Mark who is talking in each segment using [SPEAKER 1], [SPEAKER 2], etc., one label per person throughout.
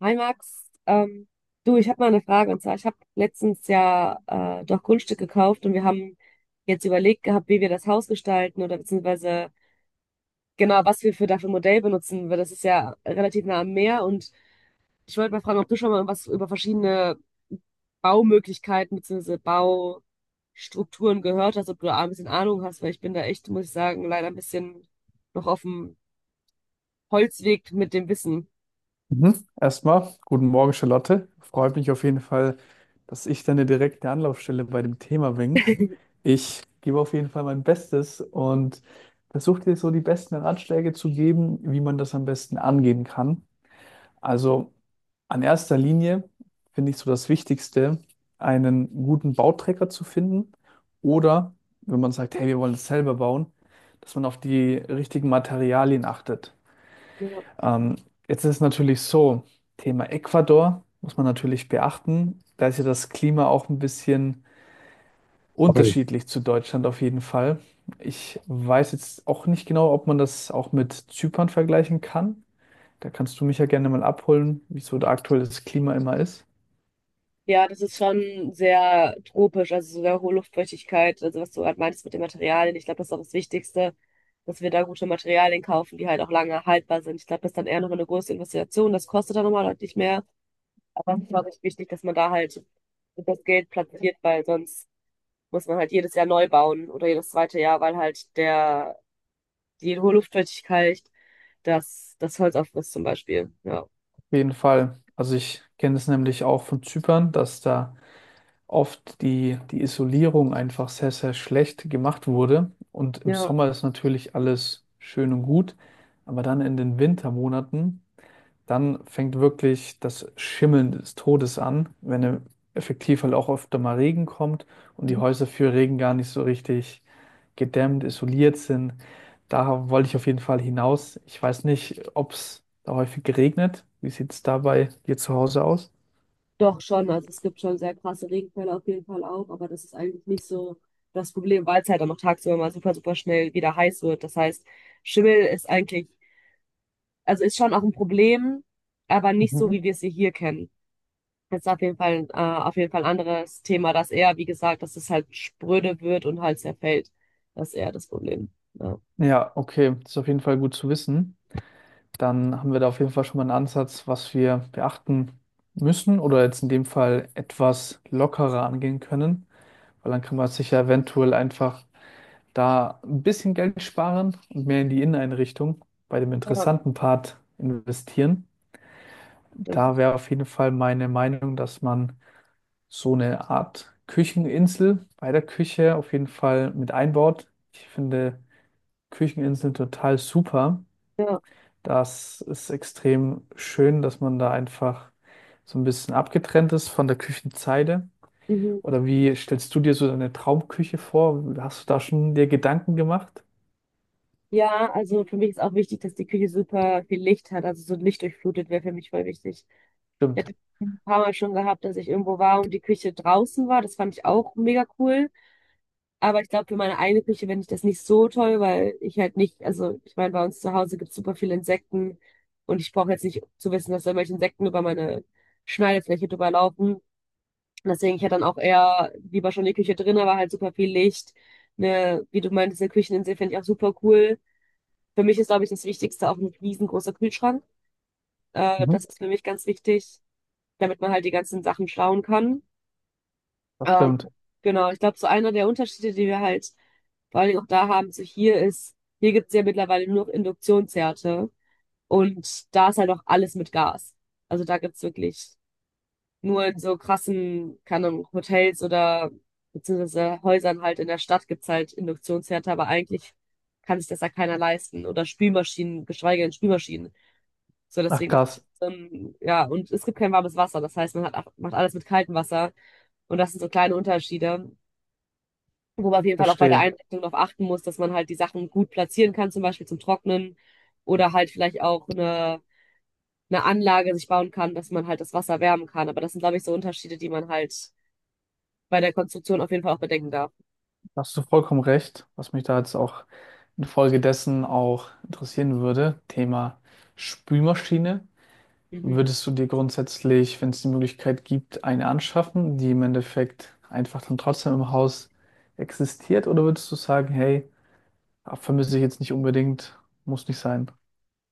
[SPEAKER 1] Hi Max, du, ich habe mal eine Frage. Und zwar, ich habe letztens ja doch Grundstück gekauft und wir haben jetzt überlegt gehabt, wie wir das Haus gestalten oder beziehungsweise genau, was wir für dafür Modell benutzen, weil das ist ja relativ nah am Meer. Und ich wollte mal fragen, ob du schon mal was über verschiedene Baumöglichkeiten beziehungsweise Baustrukturen gehört hast, ob du da ein bisschen Ahnung hast, weil ich bin da echt, muss ich sagen, leider ein bisschen noch auf dem Holzweg mit dem Wissen.
[SPEAKER 2] Mhm. Erstmal, guten Morgen, Charlotte. Freut mich auf jeden Fall, dass ich deine direkte Anlaufstelle bei dem Thema bin. Ich gebe auf jeden Fall mein Bestes und versuche dir so die besten Ratschläge zu geben, wie man das am besten angehen kann. Also an erster Linie finde ich so das Wichtigste, einen guten Bauträger zu finden oder wenn man sagt, hey, wir wollen es selber bauen, dass man auf die richtigen Materialien achtet.
[SPEAKER 1] Ja.
[SPEAKER 2] Ähm, jetzt ist es natürlich so, Thema Ecuador muss man natürlich beachten. Da ist ja das Klima auch ein bisschen unterschiedlich zu Deutschland auf jeden Fall. Ich weiß jetzt auch nicht genau, ob man das auch mit Zypern vergleichen kann. Da kannst du mich ja gerne mal abholen, wieso da aktuell das Klima immer ist.
[SPEAKER 1] Ja, das ist schon sehr tropisch, also sehr hohe Luftfeuchtigkeit, also was du gerade meintest mit den Materialien. Ich glaube, das ist auch das Wichtigste, dass wir da gute Materialien kaufen, die halt auch lange haltbar sind. Ich glaube, das ist dann eher noch eine große Investition. Das kostet dann nochmal deutlich mehr. Aber es ist, glaube ich, wichtig, dass man da halt das Geld platziert, weil sonst muss man halt jedes Jahr neu bauen oder jedes zweite Jahr, weil halt der, die hohe Luftfeuchtigkeit das Holz auffrisst zum Beispiel. Ja.
[SPEAKER 2] Auf jeden Fall. Also ich kenne es nämlich auch von Zypern, dass da oft die Isolierung einfach sehr, sehr schlecht gemacht wurde. Und im
[SPEAKER 1] Ja.
[SPEAKER 2] Sommer ist natürlich alles schön und gut, aber dann in den Wintermonaten, dann fängt wirklich das Schimmeln des Todes an, wenn effektiv halt auch öfter mal Regen kommt und die Häuser für Regen gar nicht so richtig gedämmt, isoliert sind. Da wollte ich auf jeden Fall hinaus. Ich weiß nicht, ob es da häufig regnet. Wie sieht es da bei dir zu Hause aus?
[SPEAKER 1] Doch schon, also es gibt schon sehr krasse Regenfälle auf jeden Fall auch, aber das ist eigentlich nicht so das Problem, weil es halt dann noch tagsüber mal super, super schnell wieder heiß wird. Das heißt, Schimmel ist eigentlich, also ist schon auch ein Problem, aber nicht so, wie
[SPEAKER 2] Mhm.
[SPEAKER 1] wir es hier kennen. Das ist auf jeden Fall ein anderes Thema, dass eher, wie gesagt, dass es halt spröde wird und halt zerfällt. Das ist eher das Problem. Ja.
[SPEAKER 2] Ja, okay, das ist auf jeden Fall gut zu wissen. Dann haben wir da auf jeden Fall schon mal einen Ansatz, was wir beachten müssen oder jetzt in dem Fall etwas lockerer angehen können, weil dann kann man sich ja eventuell einfach da ein bisschen Geld sparen und mehr in die Inneneinrichtung bei dem
[SPEAKER 1] Ja,
[SPEAKER 2] interessanten Part investieren. Da
[SPEAKER 1] stimmt.
[SPEAKER 2] wäre auf jeden Fall meine Meinung, dass man so eine Art Kücheninsel bei der Küche auf jeden Fall mit einbaut. Ich finde Kücheninseln total super.
[SPEAKER 1] Ja.
[SPEAKER 2] Das ist extrem schön, dass man da einfach so ein bisschen abgetrennt ist von der Küchenzeile.
[SPEAKER 1] Mhm.
[SPEAKER 2] Oder wie stellst du dir so deine Traumküche vor? Hast du da schon dir Gedanken gemacht?
[SPEAKER 1] Ja, also für mich ist auch wichtig, dass die Küche super viel Licht hat. Also so lichtdurchflutet wäre für mich voll wichtig. Ich
[SPEAKER 2] Stimmt.
[SPEAKER 1] hatte ein paar Mal schon gehabt, dass ich irgendwo war und die Küche draußen war. Das fand ich auch mega cool. Aber ich glaube, für meine eigene Küche fände ich das nicht so toll, weil ich halt nicht, also ich meine, bei uns zu Hause gibt es super viele Insekten und ich brauche jetzt nicht zu wissen, dass da irgendwelche Insekten über meine Schneidefläche drüber laufen. Und deswegen, ich hätte dann auch eher lieber schon die Küche drin, aber halt super viel Licht. Ne, wie du meintest, eine Kücheninsel fände ich auch super cool. Für mich ist, glaube ich, das Wichtigste auch ein riesengroßer Kühlschrank. Äh,
[SPEAKER 2] Mhm.
[SPEAKER 1] das ist für mich ganz wichtig, damit man halt die ganzen Sachen schauen kann.
[SPEAKER 2] Das
[SPEAKER 1] Ähm,
[SPEAKER 2] stimmt.
[SPEAKER 1] genau, ich glaube, so einer der Unterschiede, die wir halt vor allen Dingen auch da haben, so hier ist, hier gibt's ja mittlerweile nur noch Induktionsherde und da ist halt auch alles mit Gas. Also da gibt's wirklich nur in so krassen, keine Ahnung, Hotels oder beziehungsweise Häusern halt in der Stadt gibt's halt Induktionsherde, aber eigentlich kann sich das ja keiner leisten. Oder Spülmaschinen, geschweige denn Spülmaschinen. So,
[SPEAKER 2] Ach
[SPEAKER 1] deswegen, das ist
[SPEAKER 2] krass,
[SPEAKER 1] schon, ja, und es gibt kein warmes Wasser. Das heißt, man hat, auch- macht alles mit kaltem Wasser. Und das sind so kleine Unterschiede, wo man auf jeden Fall auch bei der
[SPEAKER 2] verstehe.
[SPEAKER 1] Einrichtung darauf achten muss, dass man halt die Sachen gut platzieren kann, zum Beispiel zum Trocknen oder halt vielleicht auch eine Anlage sich bauen kann, dass man halt das Wasser wärmen kann. Aber das sind, glaube ich, so Unterschiede, die man halt bei der Konstruktion auf jeden Fall auch bedenken darf.
[SPEAKER 2] Da hast du vollkommen recht, was mich da jetzt auch infolgedessen auch interessieren würde. Thema Spülmaschine.
[SPEAKER 1] Mhm.
[SPEAKER 2] Würdest du dir grundsätzlich, wenn es die Möglichkeit gibt, eine anschaffen, die im Endeffekt einfach dann trotzdem im Haus existiert? Oder würdest du sagen, hey, ah, vermisse ich jetzt nicht unbedingt, muss nicht sein?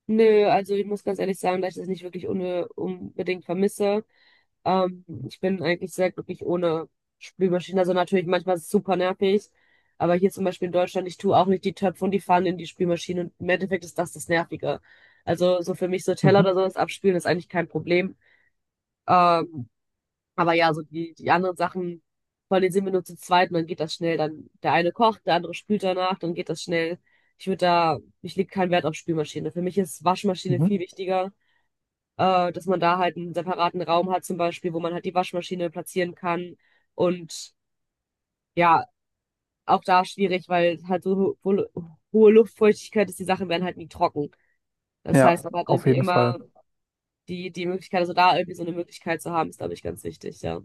[SPEAKER 1] Nö, also ich muss ganz ehrlich sagen, dass ich das nicht wirklich un unbedingt vermisse. Ich bin eigentlich sehr glücklich ohne Spülmaschine. Also natürlich manchmal ist es super nervig. Aber hier zum Beispiel in Deutschland, ich tue auch nicht die Töpfe und die Pfannen in die Spülmaschine. Und im Endeffekt ist das das Nervige. Also so für mich so Teller
[SPEAKER 2] Mhm.
[SPEAKER 1] oder sowas abspülen ist eigentlich kein Problem. Ähm, aber ja, so die anderen Sachen, vor allem sind wir nur zu zweit und dann geht das schnell. Dann der eine kocht, der andere spült danach, dann geht das schnell. Ich würde da, ich lege keinen Wert auf Spülmaschine. Für mich ist Waschmaschine
[SPEAKER 2] Mhm.
[SPEAKER 1] viel wichtiger, dass man da halt einen separaten Raum hat, zum Beispiel, wo man halt die Waschmaschine platzieren kann. Und ja, auch da schwierig, weil halt so ho ho hohe Luftfeuchtigkeit ist, die Sachen werden halt nie trocken. Das heißt,
[SPEAKER 2] Ja,
[SPEAKER 1] man hat
[SPEAKER 2] auf
[SPEAKER 1] irgendwie
[SPEAKER 2] jeden Fall.
[SPEAKER 1] immer die Möglichkeit, also da irgendwie so eine Möglichkeit zu haben, ist, glaube ich, ganz wichtig, ja.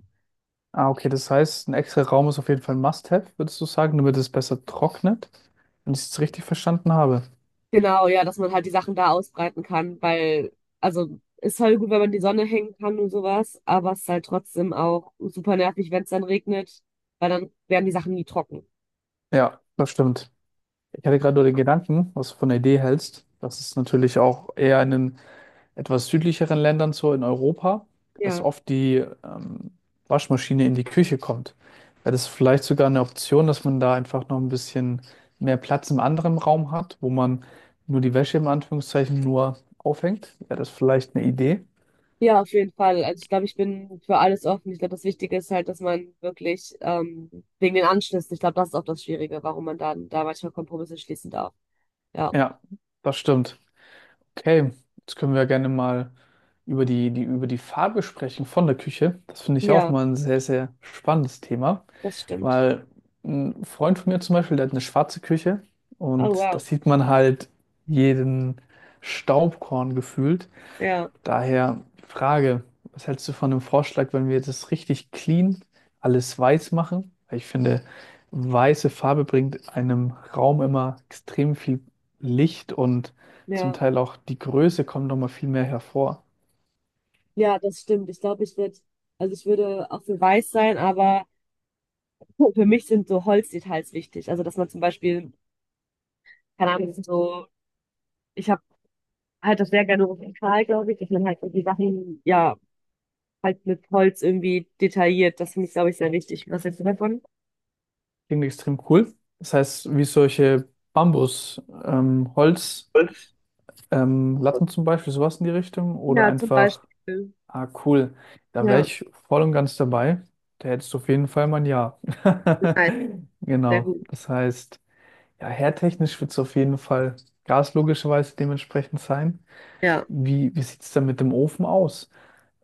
[SPEAKER 2] Ah, okay, das heißt, ein extra Raum ist auf jeden Fall ein Must-have, würdest du sagen, damit es besser trocknet, wenn ich es jetzt richtig verstanden habe.
[SPEAKER 1] Genau, ja, dass man halt die Sachen da ausbreiten kann, weil, also, ist halt gut, wenn man die Sonne hängen kann und sowas, aber es ist halt trotzdem auch super nervig, wenn es dann regnet, weil dann werden die Sachen nie trocken.
[SPEAKER 2] Ja, das stimmt. Ich hatte gerade nur den Gedanken, was du von der Idee hältst, dass es natürlich auch eher in den etwas südlicheren Ländern so in Europa, dass
[SPEAKER 1] Ja.
[SPEAKER 2] oft die ähm, Waschmaschine in die Küche kommt. Wäre das vielleicht sogar eine Option, dass man da einfach noch ein bisschen mehr Platz im anderen Raum hat, wo man nur die Wäsche im Anführungszeichen nur aufhängt? Wäre das vielleicht eine Idee?
[SPEAKER 1] Ja, auf jeden Fall. Also ich glaube, ich bin für alles offen. Ich glaube, das Wichtige ist halt, dass man wirklich wegen den Anschlüssen, ich glaube, das ist auch das Schwierige, warum man da manchmal Kompromisse schließen darf. Ja,
[SPEAKER 2] Ja, das stimmt. Okay, jetzt können wir gerne mal über über die Farbe sprechen von der Küche. Das finde ich auch
[SPEAKER 1] ja,
[SPEAKER 2] mal ein sehr, sehr spannendes Thema.
[SPEAKER 1] das stimmt.
[SPEAKER 2] Weil ein Freund von mir zum Beispiel, der hat eine schwarze Küche
[SPEAKER 1] Oh,
[SPEAKER 2] und da
[SPEAKER 1] wow.
[SPEAKER 2] sieht man halt jeden Staubkorn gefühlt.
[SPEAKER 1] Ja,
[SPEAKER 2] Daher die Frage, was hältst du von dem Vorschlag, wenn wir das richtig clean alles weiß machen? Weil ich finde, weiße Farbe bringt einem Raum immer extrem viel Licht und zum
[SPEAKER 1] ja,
[SPEAKER 2] Teil auch die Größe kommt nochmal viel mehr hervor.
[SPEAKER 1] ja, das stimmt. Ich glaube, also ich würde auch für weiß sein, aber für mich sind so Holzdetails wichtig. Also, dass man zum Beispiel, keine Ahnung, so, ich habe halt das sehr gerne rustikal, glaube ich, dass man halt so die Sachen, ja, halt mit Holz irgendwie detailliert. Das finde ich, glaube ich, sehr wichtig. Was hältst du davon?
[SPEAKER 2] Klingt extrem cool. Das heißt, wie solche Bambus, Holz. Latten zum Beispiel, sowas in die Richtung oder
[SPEAKER 1] Ja, zum
[SPEAKER 2] einfach,
[SPEAKER 1] Beispiel.
[SPEAKER 2] ah cool, da wäre
[SPEAKER 1] Ja,
[SPEAKER 2] ich voll und ganz dabei. Da hättest du auf jeden Fall mein Ja.
[SPEAKER 1] nein, sehr
[SPEAKER 2] Genau,
[SPEAKER 1] gut.
[SPEAKER 2] das heißt, ja, herdtechnisch wird es auf jeden Fall Gas logischerweise dementsprechend sein.
[SPEAKER 1] Ja,
[SPEAKER 2] Wie sieht es denn mit dem Ofen aus?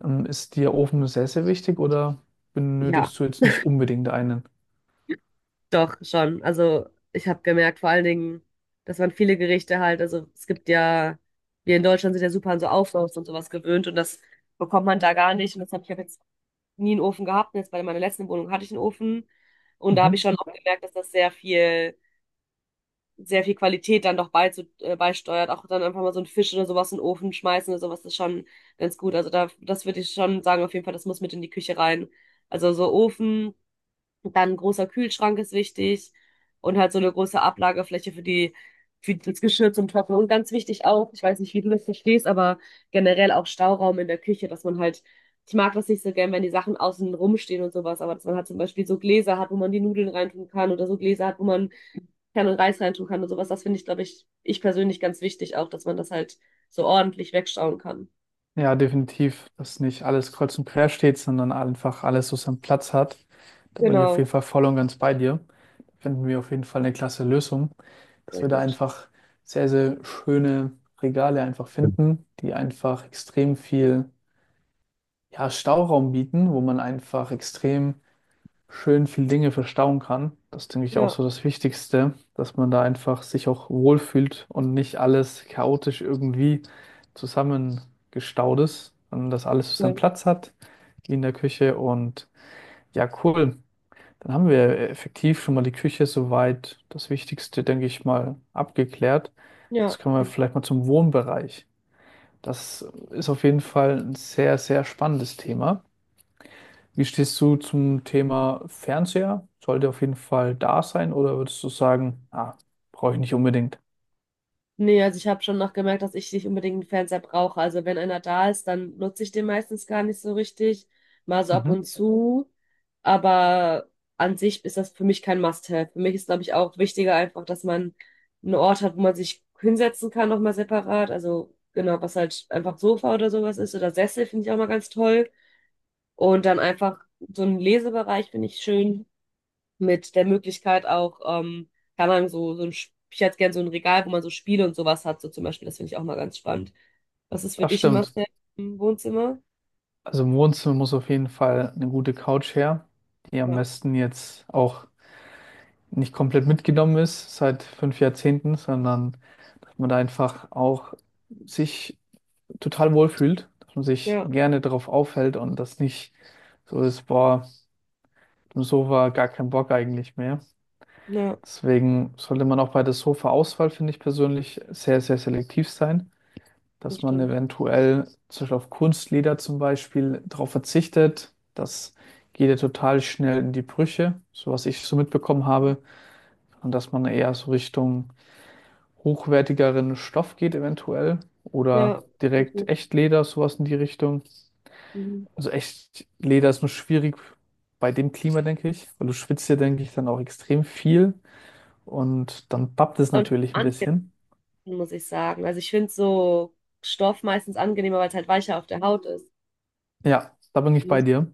[SPEAKER 2] Ist dir Ofen sehr, sehr wichtig oder
[SPEAKER 1] ja,
[SPEAKER 2] benötigst du jetzt nicht unbedingt einen?
[SPEAKER 1] doch, schon. Also ich habe gemerkt, vor allen Dingen, dass man viele Gerichte halt, also es gibt ja, wir in Deutschland sind ja super an so Auflauf und sowas gewöhnt und das bekommt man da gar nicht. Und das habe ich hab jetzt nie einen Ofen gehabt. Und jetzt bei meiner letzten Wohnung hatte ich einen Ofen und da habe ich
[SPEAKER 2] Mhm.
[SPEAKER 1] schon auch gemerkt, dass das sehr viel Qualität dann doch beizu beisteuert. Auch dann einfach mal so einen Fisch oder sowas in den Ofen schmeißen oder sowas ist schon ganz gut. Also da, das würde ich schon sagen, auf jeden Fall, das muss mit in die Küche rein. Also so Ofen, dann ein großer Kühlschrank ist wichtig und halt so eine große Ablagefläche für für das Geschirr zum Trocknen. Und ganz wichtig auch, ich weiß nicht, wie du das verstehst, aber generell auch Stauraum in der Küche, dass man halt, ich mag das nicht so gern, wenn die Sachen außen rumstehen und sowas, aber dass man halt zum Beispiel so Gläser hat, wo man die Nudeln reintun kann oder so Gläser hat, wo man kann und Reis reintun kann und sowas. Das finde ich, glaube ich, ich persönlich ganz wichtig auch, dass man das halt so ordentlich wegschauen kann.
[SPEAKER 2] Ja, definitiv, dass nicht alles kreuz und quer steht, sondern einfach alles so seinen Platz hat. Da bin ich auf
[SPEAKER 1] Genau,
[SPEAKER 2] jeden Fall voll und ganz bei dir. Da finden wir auf jeden Fall eine klasse Lösung, dass
[SPEAKER 1] sehr
[SPEAKER 2] wir da
[SPEAKER 1] gut.
[SPEAKER 2] einfach sehr, sehr schöne Regale einfach
[SPEAKER 1] Hm.
[SPEAKER 2] finden, die einfach extrem viel, ja, Stauraum bieten, wo man einfach extrem schön viel Dinge verstauen kann. Das denke ich auch
[SPEAKER 1] Ja,
[SPEAKER 2] so das Wichtigste, dass man da einfach sich auch wohlfühlt und nicht alles chaotisch irgendwie zusammengestaut ist, sondern dass alles so seinen
[SPEAKER 1] voll.
[SPEAKER 2] Platz hat, wie in der Küche. Und ja, cool. Dann haben wir effektiv schon mal die Küche soweit das Wichtigste, denke ich mal, abgeklärt.
[SPEAKER 1] Ja.
[SPEAKER 2] Jetzt kommen wir vielleicht mal zum Wohnbereich. Das ist auf jeden Fall ein sehr, sehr spannendes Thema. Wie stehst du zum Thema Fernseher? Sollte auf jeden Fall da sein oder würdest du sagen, ah, brauche ich nicht unbedingt?
[SPEAKER 1] Nee, also ich habe schon noch gemerkt, dass ich nicht unbedingt einen Fernseher brauche. Also wenn einer da ist, dann nutze ich den meistens gar nicht so richtig. Mal so ab
[SPEAKER 2] Mhm.
[SPEAKER 1] und zu. Aber an sich ist das für mich kein Must-have. Für mich ist, glaube ich, auch wichtiger einfach, dass man einen Ort hat, wo man sich hinsetzen kann, nochmal separat. Also genau, was halt einfach Sofa oder sowas ist. Oder Sessel finde ich auch mal ganz toll. Und dann einfach so einen Lesebereich finde ich schön mit der Möglichkeit auch, kann man so ich hätte gern so ein Regal, wo man so Spiele und sowas hat, so zum Beispiel, das finde ich auch mal ganz spannend. Was ist für
[SPEAKER 2] Das
[SPEAKER 1] dich ein
[SPEAKER 2] stimmt.
[SPEAKER 1] Must-have im Wohnzimmer?
[SPEAKER 2] Also im Wohnzimmer muss auf jeden Fall eine gute Couch her, die am
[SPEAKER 1] Ja,
[SPEAKER 2] besten jetzt auch nicht komplett mitgenommen ist seit fünf Jahrzehnten, sondern dass man da einfach auch sich total wohlfühlt, dass man sich
[SPEAKER 1] ja,
[SPEAKER 2] gerne darauf aufhält und das nicht so ist, boah, im Sofa gar kein Bock eigentlich mehr.
[SPEAKER 1] ja,
[SPEAKER 2] Deswegen sollte man auch bei der Sofa-Auswahl, finde ich persönlich, sehr, sehr selektiv sein,
[SPEAKER 1] das
[SPEAKER 2] dass man
[SPEAKER 1] stimmt.
[SPEAKER 2] eventuell zum Beispiel auf Kunstleder zum Beispiel darauf verzichtet. Das geht ja total schnell in die Brüche, so was ich so mitbekommen habe. Und dass man eher so Richtung hochwertigeren Stoff geht eventuell oder
[SPEAKER 1] Ja, so
[SPEAKER 2] direkt
[SPEAKER 1] gut.
[SPEAKER 2] Echtleder, sowas in die Richtung.
[SPEAKER 1] Mhm.
[SPEAKER 2] Also Echtleder ist nur schwierig bei dem Klima, denke ich, weil du schwitzt ja, denke ich, dann auch extrem viel. Und dann pappt es
[SPEAKER 1] Und
[SPEAKER 2] natürlich ein
[SPEAKER 1] angenehm,
[SPEAKER 2] bisschen.
[SPEAKER 1] muss ich sagen. Also ich finde so Stoff meistens angenehmer, weil es halt weicher auf der Haut ist.
[SPEAKER 2] Ja, da bin ich
[SPEAKER 1] Mhm.
[SPEAKER 2] bei dir,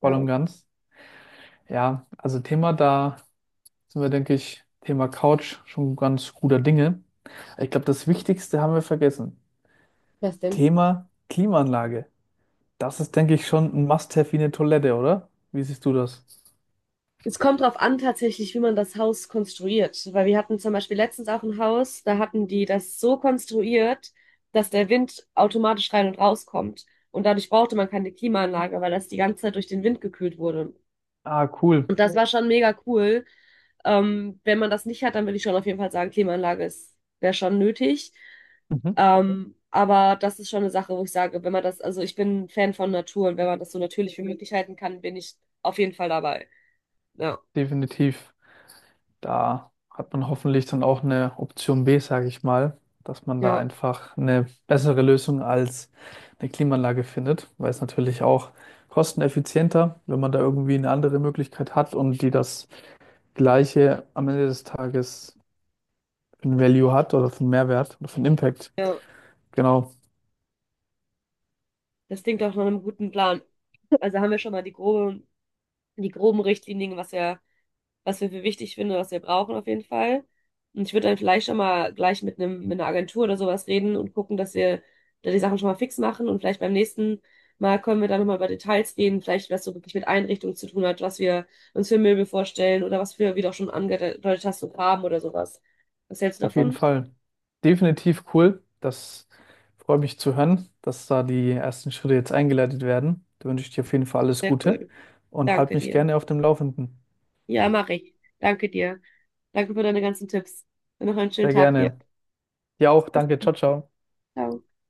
[SPEAKER 2] voll
[SPEAKER 1] Ja,
[SPEAKER 2] und ganz. Ja, also Thema, da sind wir, denke ich, Thema Couch schon ganz guter Dinge. Ich glaube, das Wichtigste haben wir vergessen.
[SPEAKER 1] was denn?
[SPEAKER 2] Thema Klimaanlage. Das ist, denke ich, schon ein Must-have wie eine Toilette, oder? Wie siehst du das?
[SPEAKER 1] Es kommt darauf an, tatsächlich, wie man das Haus konstruiert. Weil wir hatten zum Beispiel letztens auch ein Haus, da hatten die das so konstruiert, dass der Wind automatisch rein und rauskommt. Und dadurch brauchte man keine Klimaanlage, weil das die ganze Zeit durch den Wind gekühlt wurde.
[SPEAKER 2] Ah, cool.
[SPEAKER 1] Und das war schon mega cool. Wenn man das nicht hat, dann würde ich schon auf jeden Fall sagen, Klimaanlage ist, wäre schon nötig.
[SPEAKER 2] Mhm.
[SPEAKER 1] Aber das ist schon eine Sache, wo ich sage, wenn man das, also ich bin ein Fan von Natur und wenn man das so natürlich wie möglich halten kann, bin ich auf jeden Fall dabei. Ja,
[SPEAKER 2] Definitiv. Da hat man hoffentlich dann auch eine Option B, sage ich mal, dass man da
[SPEAKER 1] ja,
[SPEAKER 2] einfach eine bessere Lösung als eine Klimaanlage findet, weil es natürlich auch kosteneffizienter, wenn man da irgendwie eine andere Möglichkeit hat und die das gleiche am Ende des Tages für einen Value hat oder für einen Mehrwert oder für einen Impact.
[SPEAKER 1] ja.
[SPEAKER 2] Genau,
[SPEAKER 1] Das klingt auch nach einem guten Plan. Also haben wir schon mal die groben Richtlinien, was wir für wichtig finden, was wir brauchen auf jeden Fall. Und ich würde dann vielleicht schon mal gleich mit einer Agentur oder sowas reden und gucken, dass wir da die Sachen schon mal fix machen. Und vielleicht beim nächsten Mal können wir dann nochmal über Details reden, vielleicht was so wirklich mit Einrichtung zu tun hat, was wir uns für Möbel vorstellen oder was wir, wie du auch schon angedeutet hast, so Farben oder sowas. Was hältst du
[SPEAKER 2] auf jeden
[SPEAKER 1] davon?
[SPEAKER 2] Fall. Definitiv cool. Das freut mich zu hören, dass da die ersten Schritte jetzt eingeleitet werden. Da wünsche ich dir auf jeden Fall alles
[SPEAKER 1] Sehr
[SPEAKER 2] Gute
[SPEAKER 1] cool.
[SPEAKER 2] und halt
[SPEAKER 1] Danke
[SPEAKER 2] mich
[SPEAKER 1] dir.
[SPEAKER 2] gerne auf dem Laufenden.
[SPEAKER 1] Ja, mache ich. Danke dir. Danke für deine ganzen Tipps. Und noch einen schönen
[SPEAKER 2] Sehr
[SPEAKER 1] Tag dir.
[SPEAKER 2] gerne. Ja auch,
[SPEAKER 1] Bis
[SPEAKER 2] danke. Ciao, ciao.
[SPEAKER 1] dann.